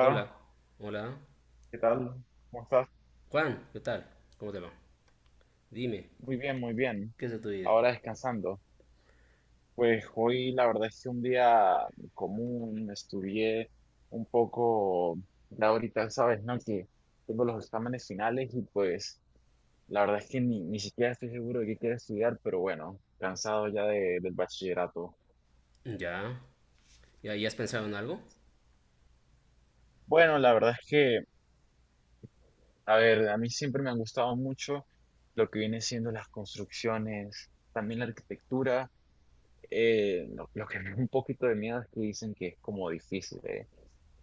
Hola, hola. ¿qué tal? ¿Cómo estás? Juan, ¿qué tal? ¿Cómo te va? Dime, Muy bien, muy bien. ¿qué es de tu vida? Ahora descansando. Pues hoy la verdad es que un día común, estudié un poco, ya ahorita sabes, ¿no? Que tengo los exámenes finales y pues la verdad es que ni siquiera estoy seguro de qué quiero estudiar, pero bueno, cansado ya de- del bachillerato. Ya, ¿ya, ya has pensado en algo? Bueno, la verdad es que, a ver, a mí siempre me han gustado mucho lo que viene siendo las construcciones, también la arquitectura. Lo que me da un poquito de miedo es que dicen que es como difícil, ¿eh?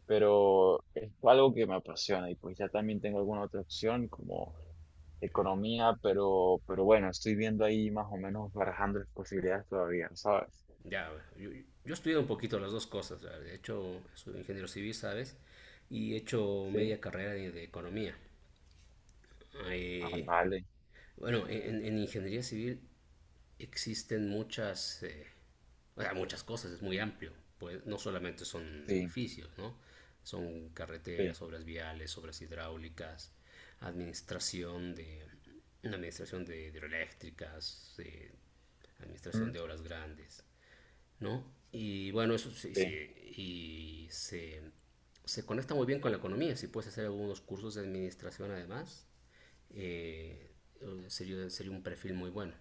Pero es algo que me apasiona y pues ya también tengo alguna otra opción como economía, pero bueno, estoy viendo ahí más o menos barajando las posibilidades todavía, ¿sabes? Ya, yo he estudiado un poquito las dos cosas. ¿Sabes? He hecho, soy ingeniero civil, ¿sabes? Y he hecho Sí, media carrera de economía. ah, Eh, vale, bueno, en ingeniería civil existen muchas, o sea, muchas cosas, es muy amplio. Pues no solamente son sí, edificios, ¿no? Son sí, carreteras, obras viales, obras hidráulicas, administración de, administración de hidroeléctricas, mm, administración de obras grandes, ¿no? Y bueno, eso sí, sí, sí, se conecta muy bien con la economía. Si puedes hacer algunos cursos de administración además, eh, sería, sería un perfil muy bueno.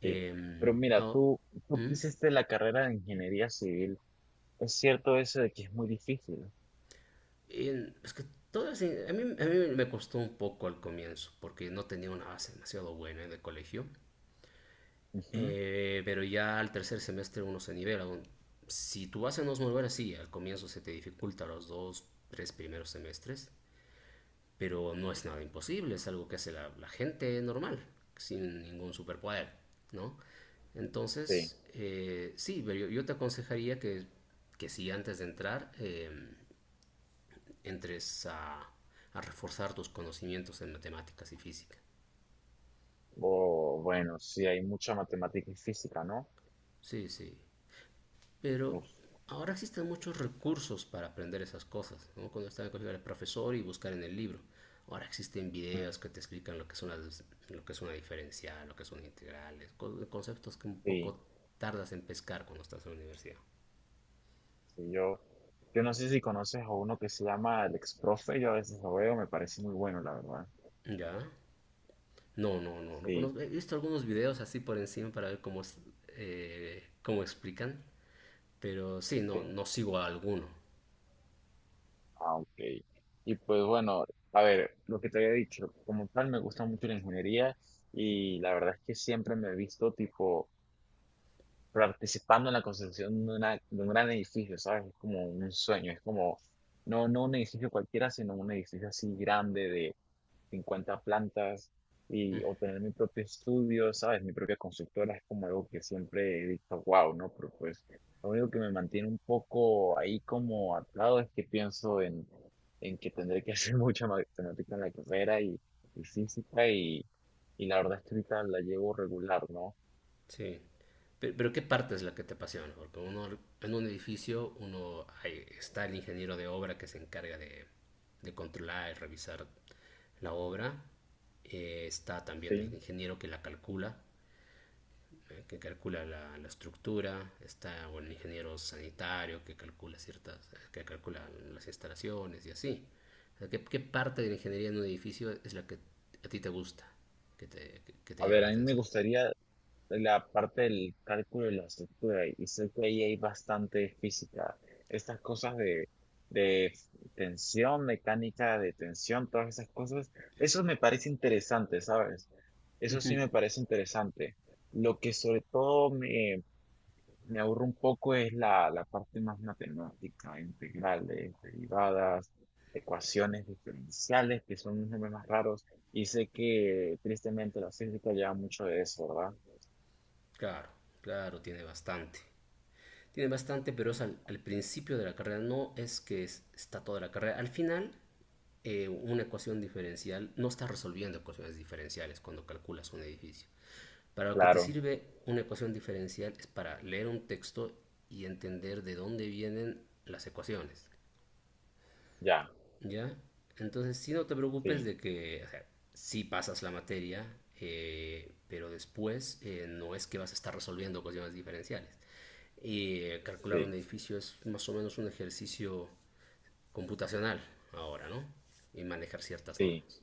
sí. Pero mira, No, tú que ¿mm? hiciste la carrera de ingeniería civil, es cierto eso de que es muy difícil. Es que todo así, a mí me costó un poco al comienzo, porque no tenía una base demasiado buena de colegio. Ujú, Pero ya al tercer semestre uno se nivela. Si tu base no es muy buena, sí, al comienzo se te dificulta los dos, tres primeros semestres, pero no es nada imposible, es algo que hace la gente normal, sin ningún superpoder, ¿no? sí, Entonces, sí, pero yo te aconsejaría que si antes de entrar, entres a reforzar tus conocimientos en matemáticas y física. o bueno, sí, hay mucha matemática y física, ¿no? Sí, sí. Pero Uf. ahora existen muchos recursos para aprender esas cosas. ¿No? Cuando estaba en el colegio era profesor y buscar en el libro. Ahora existen Mm, videos que te explican lo que es una, lo que es una diferencial, lo que son integrales, conceptos que un sí, poco tardas en pescar cuando estás en la universidad. sí, yo no sé si conoces a uno que se llama el ex profe, yo a veces lo veo, me parece muy bueno, la verdad. ¿Ya? No, no, no, no Sí, conozco. He visto algunos videos así por encima para ver cómo, es, cómo explican, pero sí, no, sí. no sigo a alguno. Ah, ok. Y pues bueno, a ver, lo que te había dicho, como tal me gusta mucho la ingeniería y la verdad es que siempre me he visto tipo participando en la construcción de, una, de un gran edificio, ¿sabes? Es como un sueño, es como, no, no un edificio cualquiera, sino un edificio así grande de 50 plantas y Mm, o tener mi propio estudio, ¿sabes? Mi propia constructora es como algo que siempre he dicho, wow, ¿no? Pero pues lo único que me mantiene un poco ahí como atado es que pienso en que tendré que hacer mucha matemática en la carrera y física y la verdad es que ahorita la llevo regular, ¿no? sí. Pero ¿qué parte es la que te apasiona? Porque uno en un edificio, uno ahí está el ingeniero de obra que se encarga de controlar y revisar la obra. Está también el Sí. ingeniero que la calcula, que calcula la, la estructura. Está o el ingeniero sanitario que calcula ciertas, que calcula las instalaciones y así. O sea, ¿qué, qué parte de la ingeniería en un edificio es la que a ti te gusta, que te A llama ver, la a mí me atención? gustaría la parte del cálculo y la estructura, y sé que ahí hay bastante física. Estas cosas de tensión, mecánica de tensión, todas esas cosas, eso me parece interesante, ¿sabes? Eso sí me parece interesante. Lo que sobre todo me aburre un poco es la, la parte más matemática, integrales, derivadas, ecuaciones diferenciales, que son unos nombres más raros. Y sé que tristemente la física lleva mucho de eso, ¿verdad? Claro, claro, tiene bastante. Tiene bastante, pero es al principio de la carrera, no es que está toda la carrera. Al final, una ecuación diferencial, no estás resolviendo ecuaciones diferenciales cuando calculas un edificio. Para lo que te Claro. sirve una ecuación diferencial es para leer un texto y entender de dónde vienen las ecuaciones. Ya, ¿Ya? Entonces, sí, no te preocupes sí, de que, o sea, sí pasas la materia, pero después no es que vas a estar resolviendo cuestiones diferenciales. Y calcular un sí, edificio es más o menos un ejercicio computacional ahora, ¿no? Y manejar ciertas sí, normas.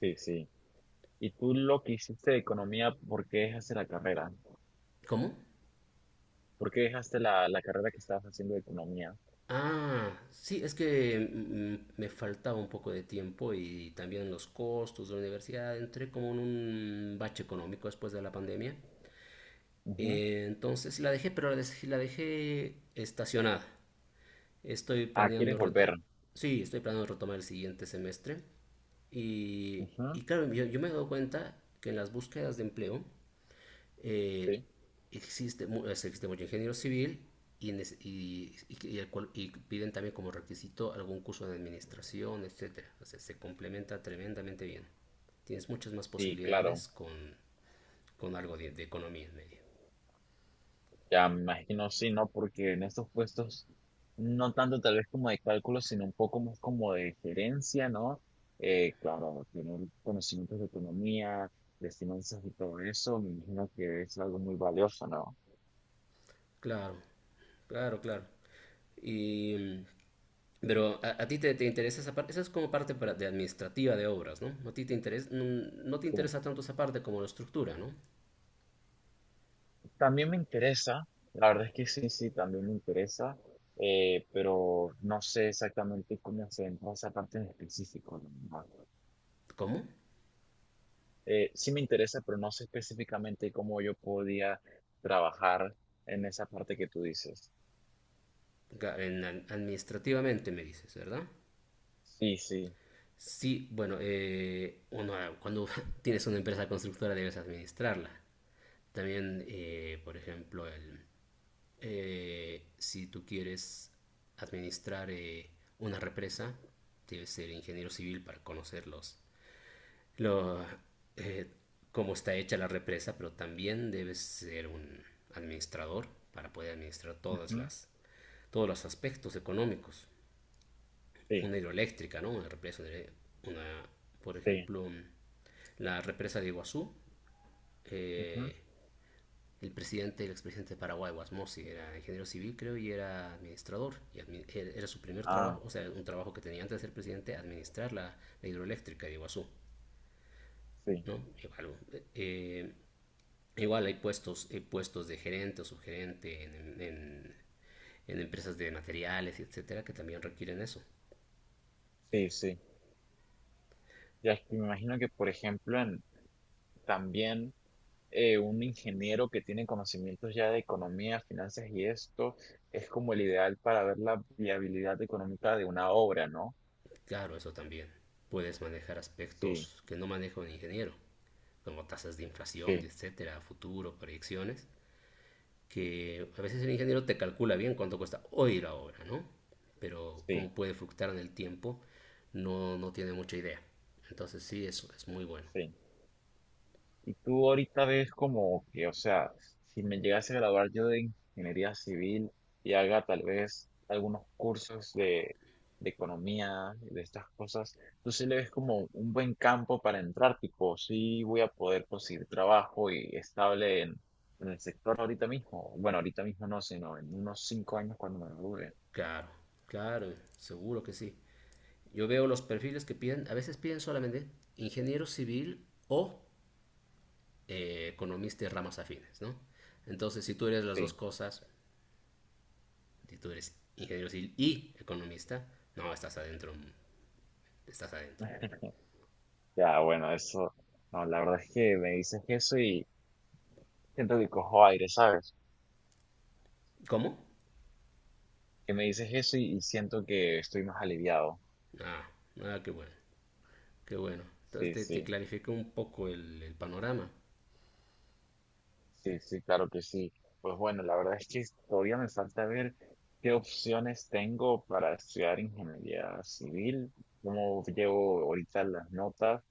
sí, sí. ¿Y tú lo que hiciste de economía, por qué dejaste la carrera? ¿Cómo? ¿Por qué dejaste la, la carrera que estabas haciendo de economía? Ah, sí, es que me faltaba un poco de tiempo y también los costos de la universidad. Entré como en un bache económico después de la pandemia. Ujú. Entonces la dejé, pero la dejé estacionada. Estoy Ah, ¿quieres planeando reto volver? sí, estoy planeando retomar el siguiente semestre. Ujú, Y claro, yo me he dado cuenta que en las búsquedas de empleo eh, sí, existe, existe mucho ingeniero civil y, y piden también como requisito algún curso de administración, etcétera. O sea, se complementa tremendamente bien. Tienes muchas más sí, claro. posibilidades con algo de economía en medio. Ya me imagino, sí, ¿no? Porque en estos puestos, no tanto tal vez como de cálculo, sino un poco más como de gerencia, ¿no? Claro, tener conocimientos de economía, de finanzas y todo eso, me imagino que es algo muy valioso, ¿no? Claro, claro, claro. Y, pero a ti te interesa esa parte, esa es como parte de administrativa de obras, ¿no? A ti te interesa, mm, no te Sí. interesa tanto esa parte como la estructura, ¿no? También me interesa, la verdad es que sí, sí, también me interesa, pero no sé exactamente cómo se entra esa parte en específico. La verdad. ¿Cómo? Sí me interesa, pero no sé específicamente cómo yo podía trabajar en esa parte que tú dices. Administrativamente me dices, ¿verdad? Sí, sí, Sí, bueno, uno, ah, cuando tienes una empresa constructora debes administrarla. También, por ejemplo, si tú quieres administrar una represa, debes ser ingeniero civil para conocerlos. Lo, eh, cómo está hecha la represa, pero también debes ser un administrador para poder administrar todas ujú, las, todos los aspectos económicos. sí, Una hidroeléctrica, ¿no? Una represa, una, por sí, ejemplo, la represa de Iguazú. ujú, eh, el presidente, el expresidente de Paraguay, Guasmosi, era ingeniero civil, creo, y era administrador. Era su primer ah, trabajo, o sea, un trabajo que tenía antes de ser presidente, administrar la, la hidroeléctrica de Iguazú, sí, ¿no? Igual, eh, igual hay puestos de gerente o subgerente en empresas de materiales, etcétera, que también requieren eso. sí, sí. Ya es que me imagino que, por ejemplo, en, también un ingeniero que tiene conocimientos ya de economía, finanzas y esto es como el ideal para ver la viabilidad económica de una obra, ¿no? Claro, eso también. Puedes manejar Sí, aspectos que no maneja un ingeniero, como tasas de inflación, sí, etcétera, futuro, proyecciones que a veces el ingeniero te calcula bien cuánto cuesta hoy la obra, ¿no? Pero sí, cómo puede fluctuar en el tiempo, no, no tiene mucha idea. Entonces sí, eso es muy bueno. sí. Y tú ahorita ves como que, o sea, si me llegase a graduar yo de ingeniería civil y haga tal vez algunos cursos de economía, de estas cosas, tú sí le ves como un buen campo para entrar, tipo, sí voy a poder conseguir trabajo y estable en el sector ahorita mismo. Bueno, ahorita mismo no, sino en unos 5 años cuando me gradúe. Claro, claro, seguro que sí. Yo veo los perfiles que piden, a veces piden solamente ingeniero civil o economista de ramas afines, ¿no? Entonces, si tú eres las dos Sí, cosas, si tú eres ingeniero civil y economista, no, estás adentro, estás adentro. ya, bueno, eso, no, la verdad es que me dices eso y siento que cojo aire, ¿sabes? ¿Cómo? Que me dices eso y siento que estoy más aliviado. Ah, ah, qué bueno. Qué bueno. Entonces Sí, te sí, clarifica un poco el panorama. sí, sí, claro que sí. Pues bueno, la verdad es que todavía me falta ver qué opciones tengo para estudiar ingeniería civil, cómo llevo ahorita las notas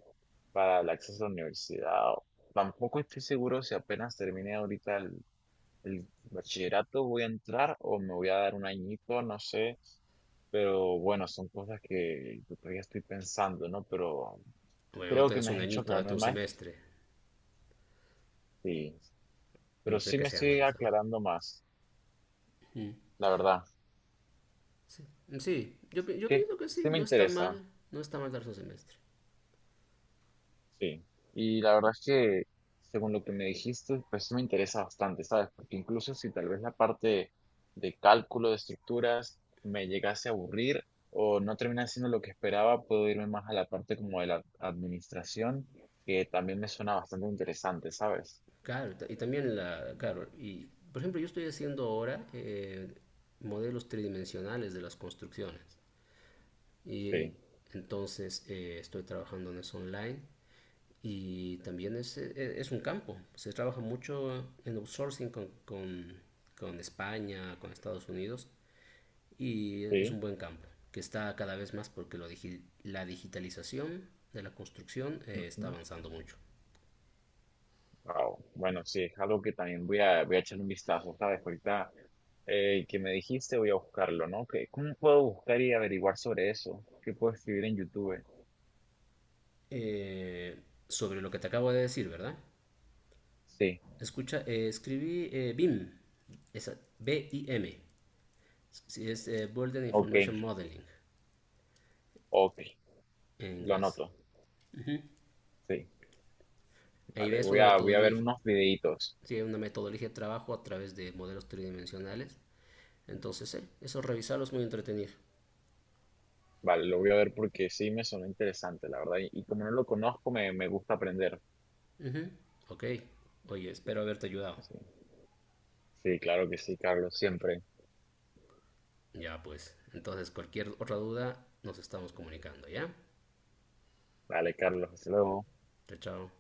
para el acceso a la universidad. Tampoco estoy seguro si apenas termine ahorita el bachillerato voy a entrar o me voy a dar un añito, no sé, pero bueno, son cosas que todavía estoy pensando, ¿no? Pero Bueno, no creo te que des me un has hecho añito, date aclararme un más. semestre, Sí, a pero no ser sí que me sea estoy analizado. aclarando más, la verdad. Sí, sí yo, yo Que pienso que sí, sí me no está interesa, mal, no está mal darse un semestre. sí. Y la verdad es que, según lo que me dijiste, pues sí me interesa bastante, ¿sabes? Porque incluso si tal vez la parte de cálculo de estructuras me llegase a aburrir o no termina siendo lo que esperaba, puedo irme más a la parte como de la administración, que también me suena bastante interesante, ¿sabes? Claro, y también la, claro, y por ejemplo yo estoy haciendo ahora modelos tridimensionales de las construcciones. Sí, Y entonces estoy trabajando en eso online y también es, es un campo. Se trabaja mucho en outsourcing con España, con Estados Unidos y es sí. un buen campo que está cada vez más porque la digitalización de la construcción está avanzando mucho. Wow. Bueno, sí, es algo que también voy a, voy a echar un vistazo, ¿sabes? Ahorita que me dijiste, voy a buscarlo, ¿no? ¿Qué- ¿Cómo puedo buscar y averiguar sobre eso? ¿Qué puedo escribir en YouTube? Eh, sobre lo que te acabo de decir, ¿verdad? Sí, Escucha, escribí BIM, B-I-M, si es Building ok, Information Modeling ok, en lo inglés. anoto. Sí, Ahí vale, ves voy una a, voy a ver metodología, unos videitos. sí, una metodología de trabajo a través de modelos tridimensionales. Entonces, eso revisarlo es muy entretenido. Vale, lo voy a ver porque sí me sonó interesante, la verdad. Y como no lo conozco, me gusta aprender. Ujú, ok, oye, espero haberte ayudado. Sí, sí, claro que sí, Carlos, siempre. Ya pues, entonces cualquier otra duda nos estamos comunicando, ¿ya? Vale, Carlos, hasta luego. Chao, chao.